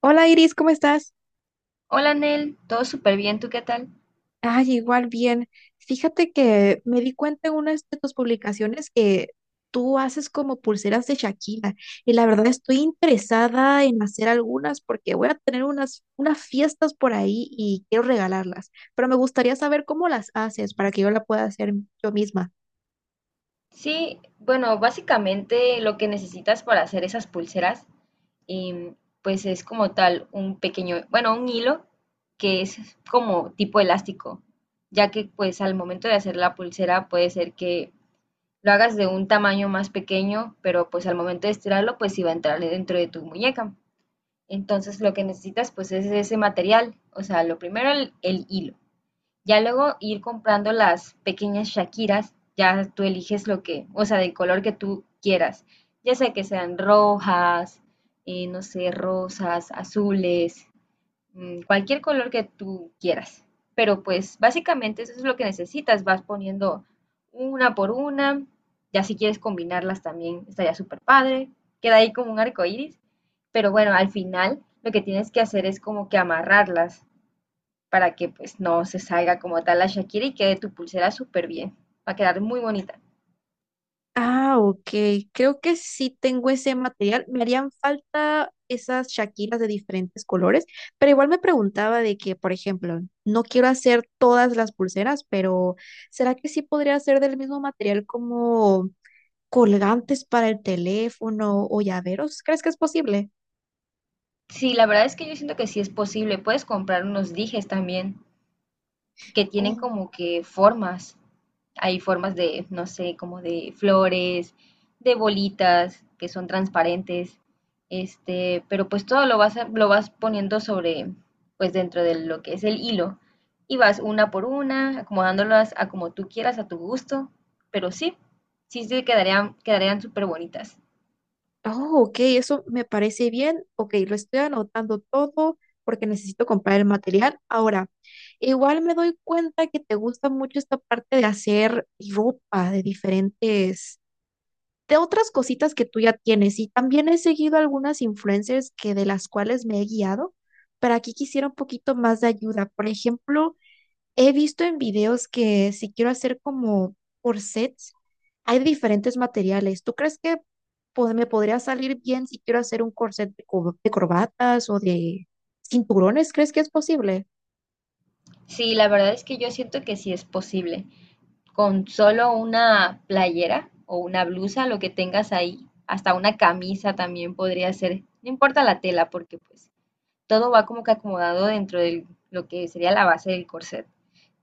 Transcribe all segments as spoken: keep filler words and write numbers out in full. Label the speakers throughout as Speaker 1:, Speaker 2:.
Speaker 1: Hola Iris, ¿cómo estás?
Speaker 2: Hola Nel, todo súper bien, ¿tú qué tal?
Speaker 1: Ay, igual bien. Fíjate que me di cuenta en una de tus publicaciones que tú haces como pulseras de Shakira y la verdad estoy interesada en hacer algunas porque voy a tener unas, unas fiestas por ahí y quiero regalarlas, pero me gustaría saber cómo las haces para que yo la pueda hacer yo misma.
Speaker 2: Sí, bueno, básicamente lo que necesitas para hacer esas pulseras, em, pues es como tal un pequeño, bueno, un hilo que es como tipo elástico, ya que pues al momento de hacer la pulsera puede ser que lo hagas de un tamaño más pequeño, pero pues al momento de estirarlo pues iba a entrar dentro de tu muñeca. Entonces lo que necesitas pues es ese material, o sea, lo primero el el hilo. Ya luego ir comprando las pequeñas shakiras, ya tú eliges lo que, o sea, del color que tú quieras, ya sea que sean rojas, eh, no sé, rosas, azules, mm, cualquier color que tú quieras. Pero pues básicamente eso es lo que necesitas, vas poniendo una por una, ya si quieres combinarlas también estaría súper padre, queda ahí como un arco iris, pero bueno, al final lo que tienes que hacer es como que amarrarlas para que pues no se salga como tal la Shakira y quede tu pulsera súper bien. Va a quedar muy bonita.
Speaker 1: Ah, ok. Creo que sí tengo ese material. Me harían falta esas shakiras de diferentes colores, pero igual me preguntaba de que, por ejemplo, no quiero hacer todas las pulseras, pero ¿será que sí podría hacer del mismo material como colgantes para el teléfono o llaveros? ¿Crees que es posible?
Speaker 2: Sí, la verdad es que yo siento que sí es posible. Puedes comprar unos dijes también que tienen como que formas. Hay formas de, no sé, como de flores, de bolitas que son transparentes, este, pero pues todo lo vas, a- lo vas poniendo sobre, pues dentro de lo que es el hilo y vas una por una, acomodándolas a como tú quieras, a tu gusto, pero sí, sí, sí quedarían, quedarían súper bonitas.
Speaker 1: Oh, ok, eso me parece bien. Ok, lo estoy anotando todo porque necesito comprar el material. Ahora, igual me doy cuenta que te gusta mucho esta parte de hacer ropa de diferentes, de otras cositas que tú ya tienes. Y también he seguido algunas influencers que de las cuales me he guiado, pero aquí quisiera un poquito más de ayuda. Por ejemplo, he visto en videos que si quiero hacer como corsets, hay diferentes materiales. ¿Tú crees que pod- me podría salir bien si quiero hacer un corset de, co- de corbatas o de cinturones? ¿Crees que es posible?
Speaker 2: Sí, la verdad es que yo siento que sí es posible. Con solo una playera o una blusa, lo que tengas ahí, hasta una camisa también podría ser, no importa la tela, porque pues todo va como que acomodado dentro de lo que sería la base del corset.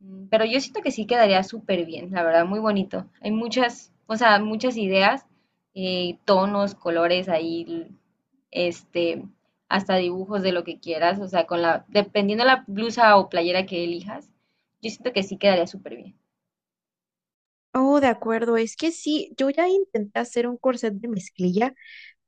Speaker 2: Mm, pero yo siento que sí quedaría súper bien, la verdad, muy bonito. Hay muchas, o sea, muchas ideas, eh, tonos, colores ahí, este, hasta dibujos de lo que quieras, o sea, con la, dependiendo la blusa o playera que elijas, yo siento que sí quedaría súper bien.
Speaker 1: Oh, de acuerdo. Es que sí, yo ya intenté hacer un corset de mezclilla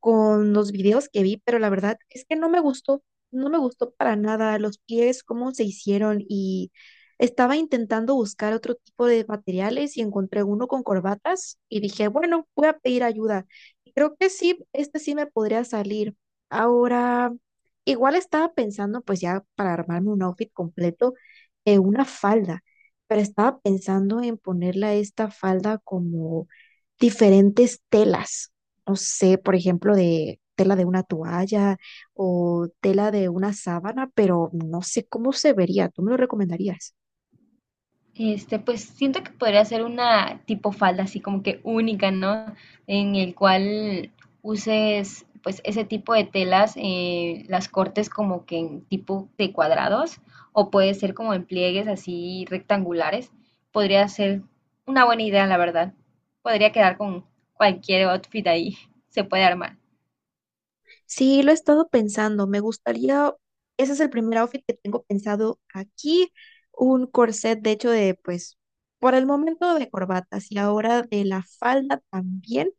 Speaker 1: con los videos que vi, pero la verdad es que no me gustó, no me gustó para nada los pies, cómo se hicieron y estaba intentando buscar otro tipo de materiales y encontré uno con corbatas y dije, bueno, voy a pedir ayuda. Y creo que sí, este sí me podría salir. Ahora, igual estaba pensando, pues ya para armarme un outfit completo, eh, una falda, pero estaba pensando en ponerle a esta falda como diferentes telas, no sé, por ejemplo, de tela de una toalla o tela de una sábana, pero no sé cómo se vería. ¿Tú me lo recomendarías?
Speaker 2: Este, pues siento que podría ser una tipo falda así como que única, ¿no? En el cual uses pues ese tipo de telas, eh, las cortes como que en tipo de cuadrados o puede ser como en pliegues así rectangulares. Podría ser una buena idea, la verdad. Podría quedar con cualquier outfit ahí, se puede armar.
Speaker 1: Sí, lo he estado pensando. Me gustaría, ese es el primer outfit que tengo pensado aquí, un corset, de hecho, de pues, por el momento de corbatas y ahora de la falda también.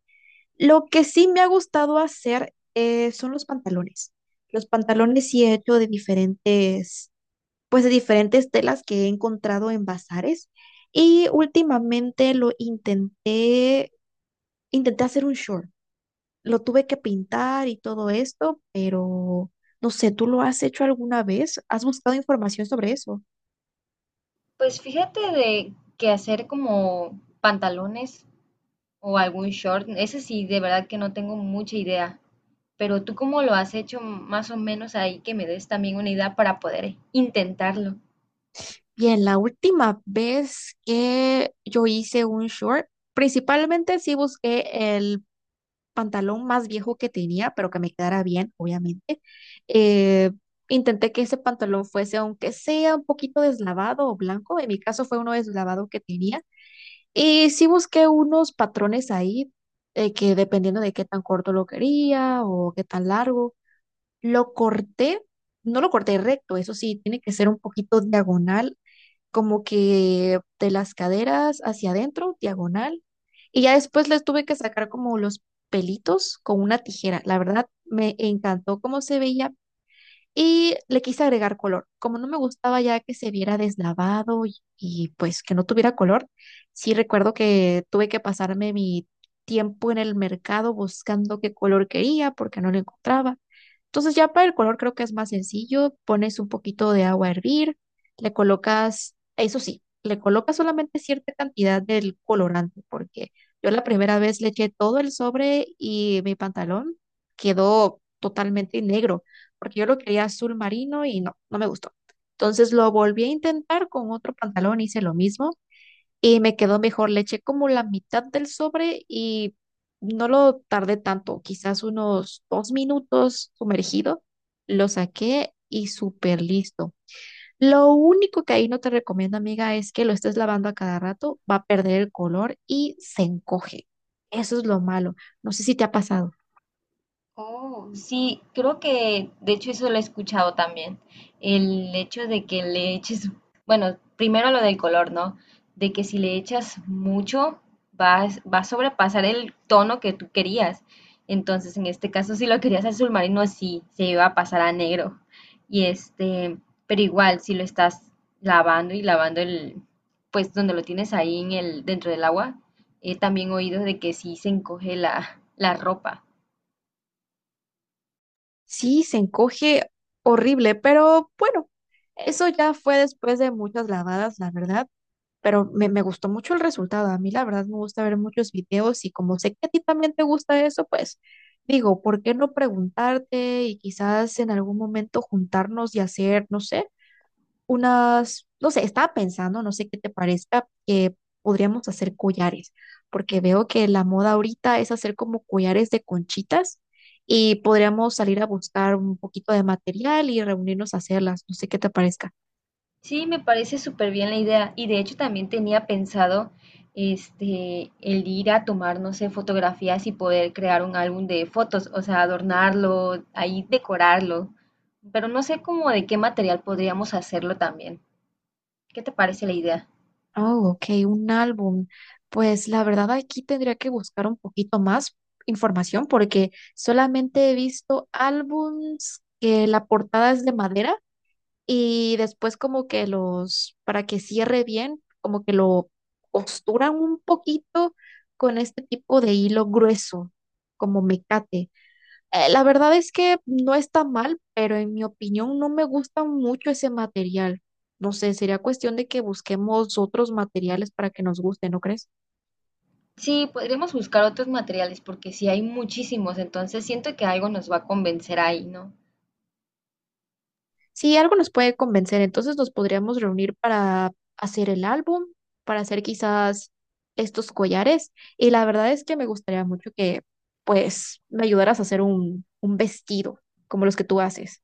Speaker 1: Lo que sí me ha gustado hacer eh, son los pantalones. Los pantalones sí he hecho de diferentes, pues de diferentes telas que he encontrado en bazares y últimamente lo intenté, intenté hacer un short. Lo tuve que pintar y todo esto, pero no sé, ¿tú lo has hecho alguna vez? ¿Has buscado información sobre eso?
Speaker 2: Pues fíjate de que hacer como pantalones o algún short, ese sí, de verdad que no tengo mucha idea. Pero tú cómo lo has hecho más o menos ahí que me des también una idea para poder intentarlo.
Speaker 1: Bien, la última vez que yo hice un short, principalmente sí busqué el pantalón más viejo que tenía, pero que me quedara bien, obviamente. Eh, intenté que ese pantalón fuese, aunque sea un poquito deslavado o blanco, en mi caso fue uno deslavado que tenía. Y sí busqué unos patrones ahí, eh, que dependiendo de qué tan corto lo quería o qué tan largo, lo corté. No lo corté recto, eso sí, tiene que ser un poquito diagonal, como que de las caderas hacia adentro, diagonal. Y ya después les tuve que sacar como los pelitos con una tijera. La verdad, me encantó cómo se veía y le quise agregar color. Como no me gustaba ya que se viera deslavado y, y, pues que no tuviera color, sí recuerdo que tuve que pasarme mi tiempo en el mercado buscando qué color quería porque no lo encontraba. Entonces ya para el color creo que es más sencillo, pones un poquito de agua a hervir, le colocas, eso sí, le colocas solamente cierta cantidad del colorante, porque yo la primera vez le eché todo el sobre y mi pantalón quedó totalmente negro, porque yo lo quería azul marino y no, no me gustó. Entonces lo volví a intentar con otro pantalón, hice lo mismo y me quedó mejor. Le eché como la mitad del sobre y no lo tardé tanto, quizás unos dos minutos sumergido. Lo saqué y súper listo. Lo único que ahí no te recomiendo, amiga, es que lo estés lavando a cada rato, va a perder el color y se encoge. Eso es lo malo. No sé si te ha pasado.
Speaker 2: Sí, creo que de hecho eso lo he escuchado también. El hecho de que le eches, bueno, primero lo del color, ¿no? De que si le echas mucho, vas, va a sobrepasar el tono que tú querías. Entonces, en este caso, si lo querías azul marino, sí, se iba a pasar a negro. Y este, pero igual, si lo estás lavando y lavando el, pues donde lo tienes ahí en el, dentro del agua, he también oído de que sí se encoge la, la ropa.
Speaker 1: Sí, se encoge horrible, pero bueno, eso ya fue después de muchas lavadas, la verdad. Pero me, me gustó mucho el resultado. A mí la verdad me gusta ver muchos videos y como sé que a ti también te gusta eso, pues digo, ¿por qué no preguntarte y quizás en algún momento juntarnos y hacer, no sé, unas, no sé, estaba pensando, no sé qué te parezca, que podríamos hacer collares, porque veo que la moda ahorita es hacer como collares de conchitas. Y podríamos salir a buscar un poquito de material y reunirnos a hacerlas. No sé qué te parezca.
Speaker 2: Sí, me parece súper bien la idea. Y de hecho también tenía pensado este el ir a tomar, no sé, fotografías y poder crear un álbum de fotos, o sea, adornarlo, ahí decorarlo. Pero no sé cómo de qué material podríamos hacerlo también. ¿Qué te parece la idea?
Speaker 1: Oh, ok, un álbum. Pues la verdad aquí tendría que buscar un poquito más información porque solamente he visto álbums que la portada es de madera y después como que los, para que cierre bien, como que lo costuran un poquito con este tipo de hilo grueso, como mecate. Eh, la verdad es que no está mal, pero en mi opinión no me gusta mucho ese material. No sé, sería cuestión de que busquemos otros materiales para que nos guste, ¿no crees?
Speaker 2: Sí, podríamos buscar otros materiales porque sí hay muchísimos, entonces siento que algo nos va a convencer ahí, ¿no?
Speaker 1: Si algo nos puede convencer, entonces nos podríamos reunir para hacer el álbum, para hacer quizás estos collares. Y la verdad es que me gustaría mucho que, pues, me ayudaras a hacer un, un vestido como los que tú haces.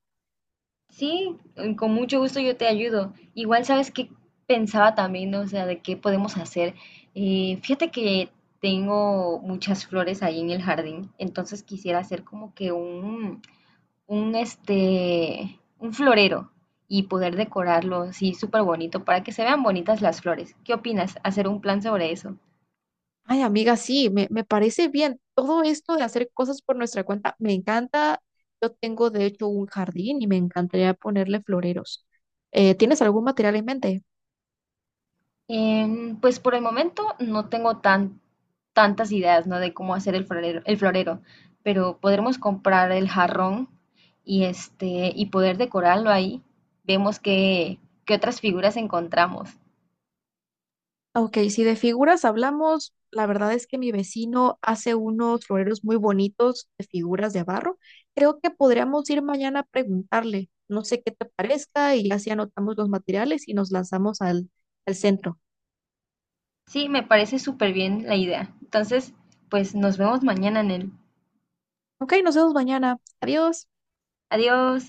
Speaker 2: Sí, eh, con mucho gusto yo te ayudo. Igual sabes que pensaba también, ¿no? O sea, de qué podemos hacer. Eh, fíjate que tengo muchas flores ahí en el jardín, entonces quisiera hacer como que un, un este, un florero y poder decorarlo, sí, súper bonito, para que se vean bonitas las flores. ¿Qué opinas? Hacer un plan sobre eso.
Speaker 1: Ay, amiga, sí, me, me parece bien. Todo esto de hacer cosas por nuestra cuenta me encanta. Yo tengo, de hecho, un jardín y me encantaría ponerle floreros. Eh, ¿tienes algún material en mente?
Speaker 2: Em, pues por el momento no tengo tan, tantas ideas, ¿no? De cómo hacer el florero, el florero, pero podremos comprar el jarrón y este y poder decorarlo ahí. Vemos qué, qué otras figuras encontramos.
Speaker 1: Ok, si de figuras hablamos, la verdad es que mi vecino hace unos floreros muy bonitos de figuras de barro. Creo que podríamos ir mañana a preguntarle. No sé qué te parezca y así anotamos los materiales y nos lanzamos al, al centro.
Speaker 2: Sí, me parece súper bien la idea. Entonces, pues nos vemos mañana en el.
Speaker 1: Ok, nos vemos mañana. Adiós.
Speaker 2: Adiós.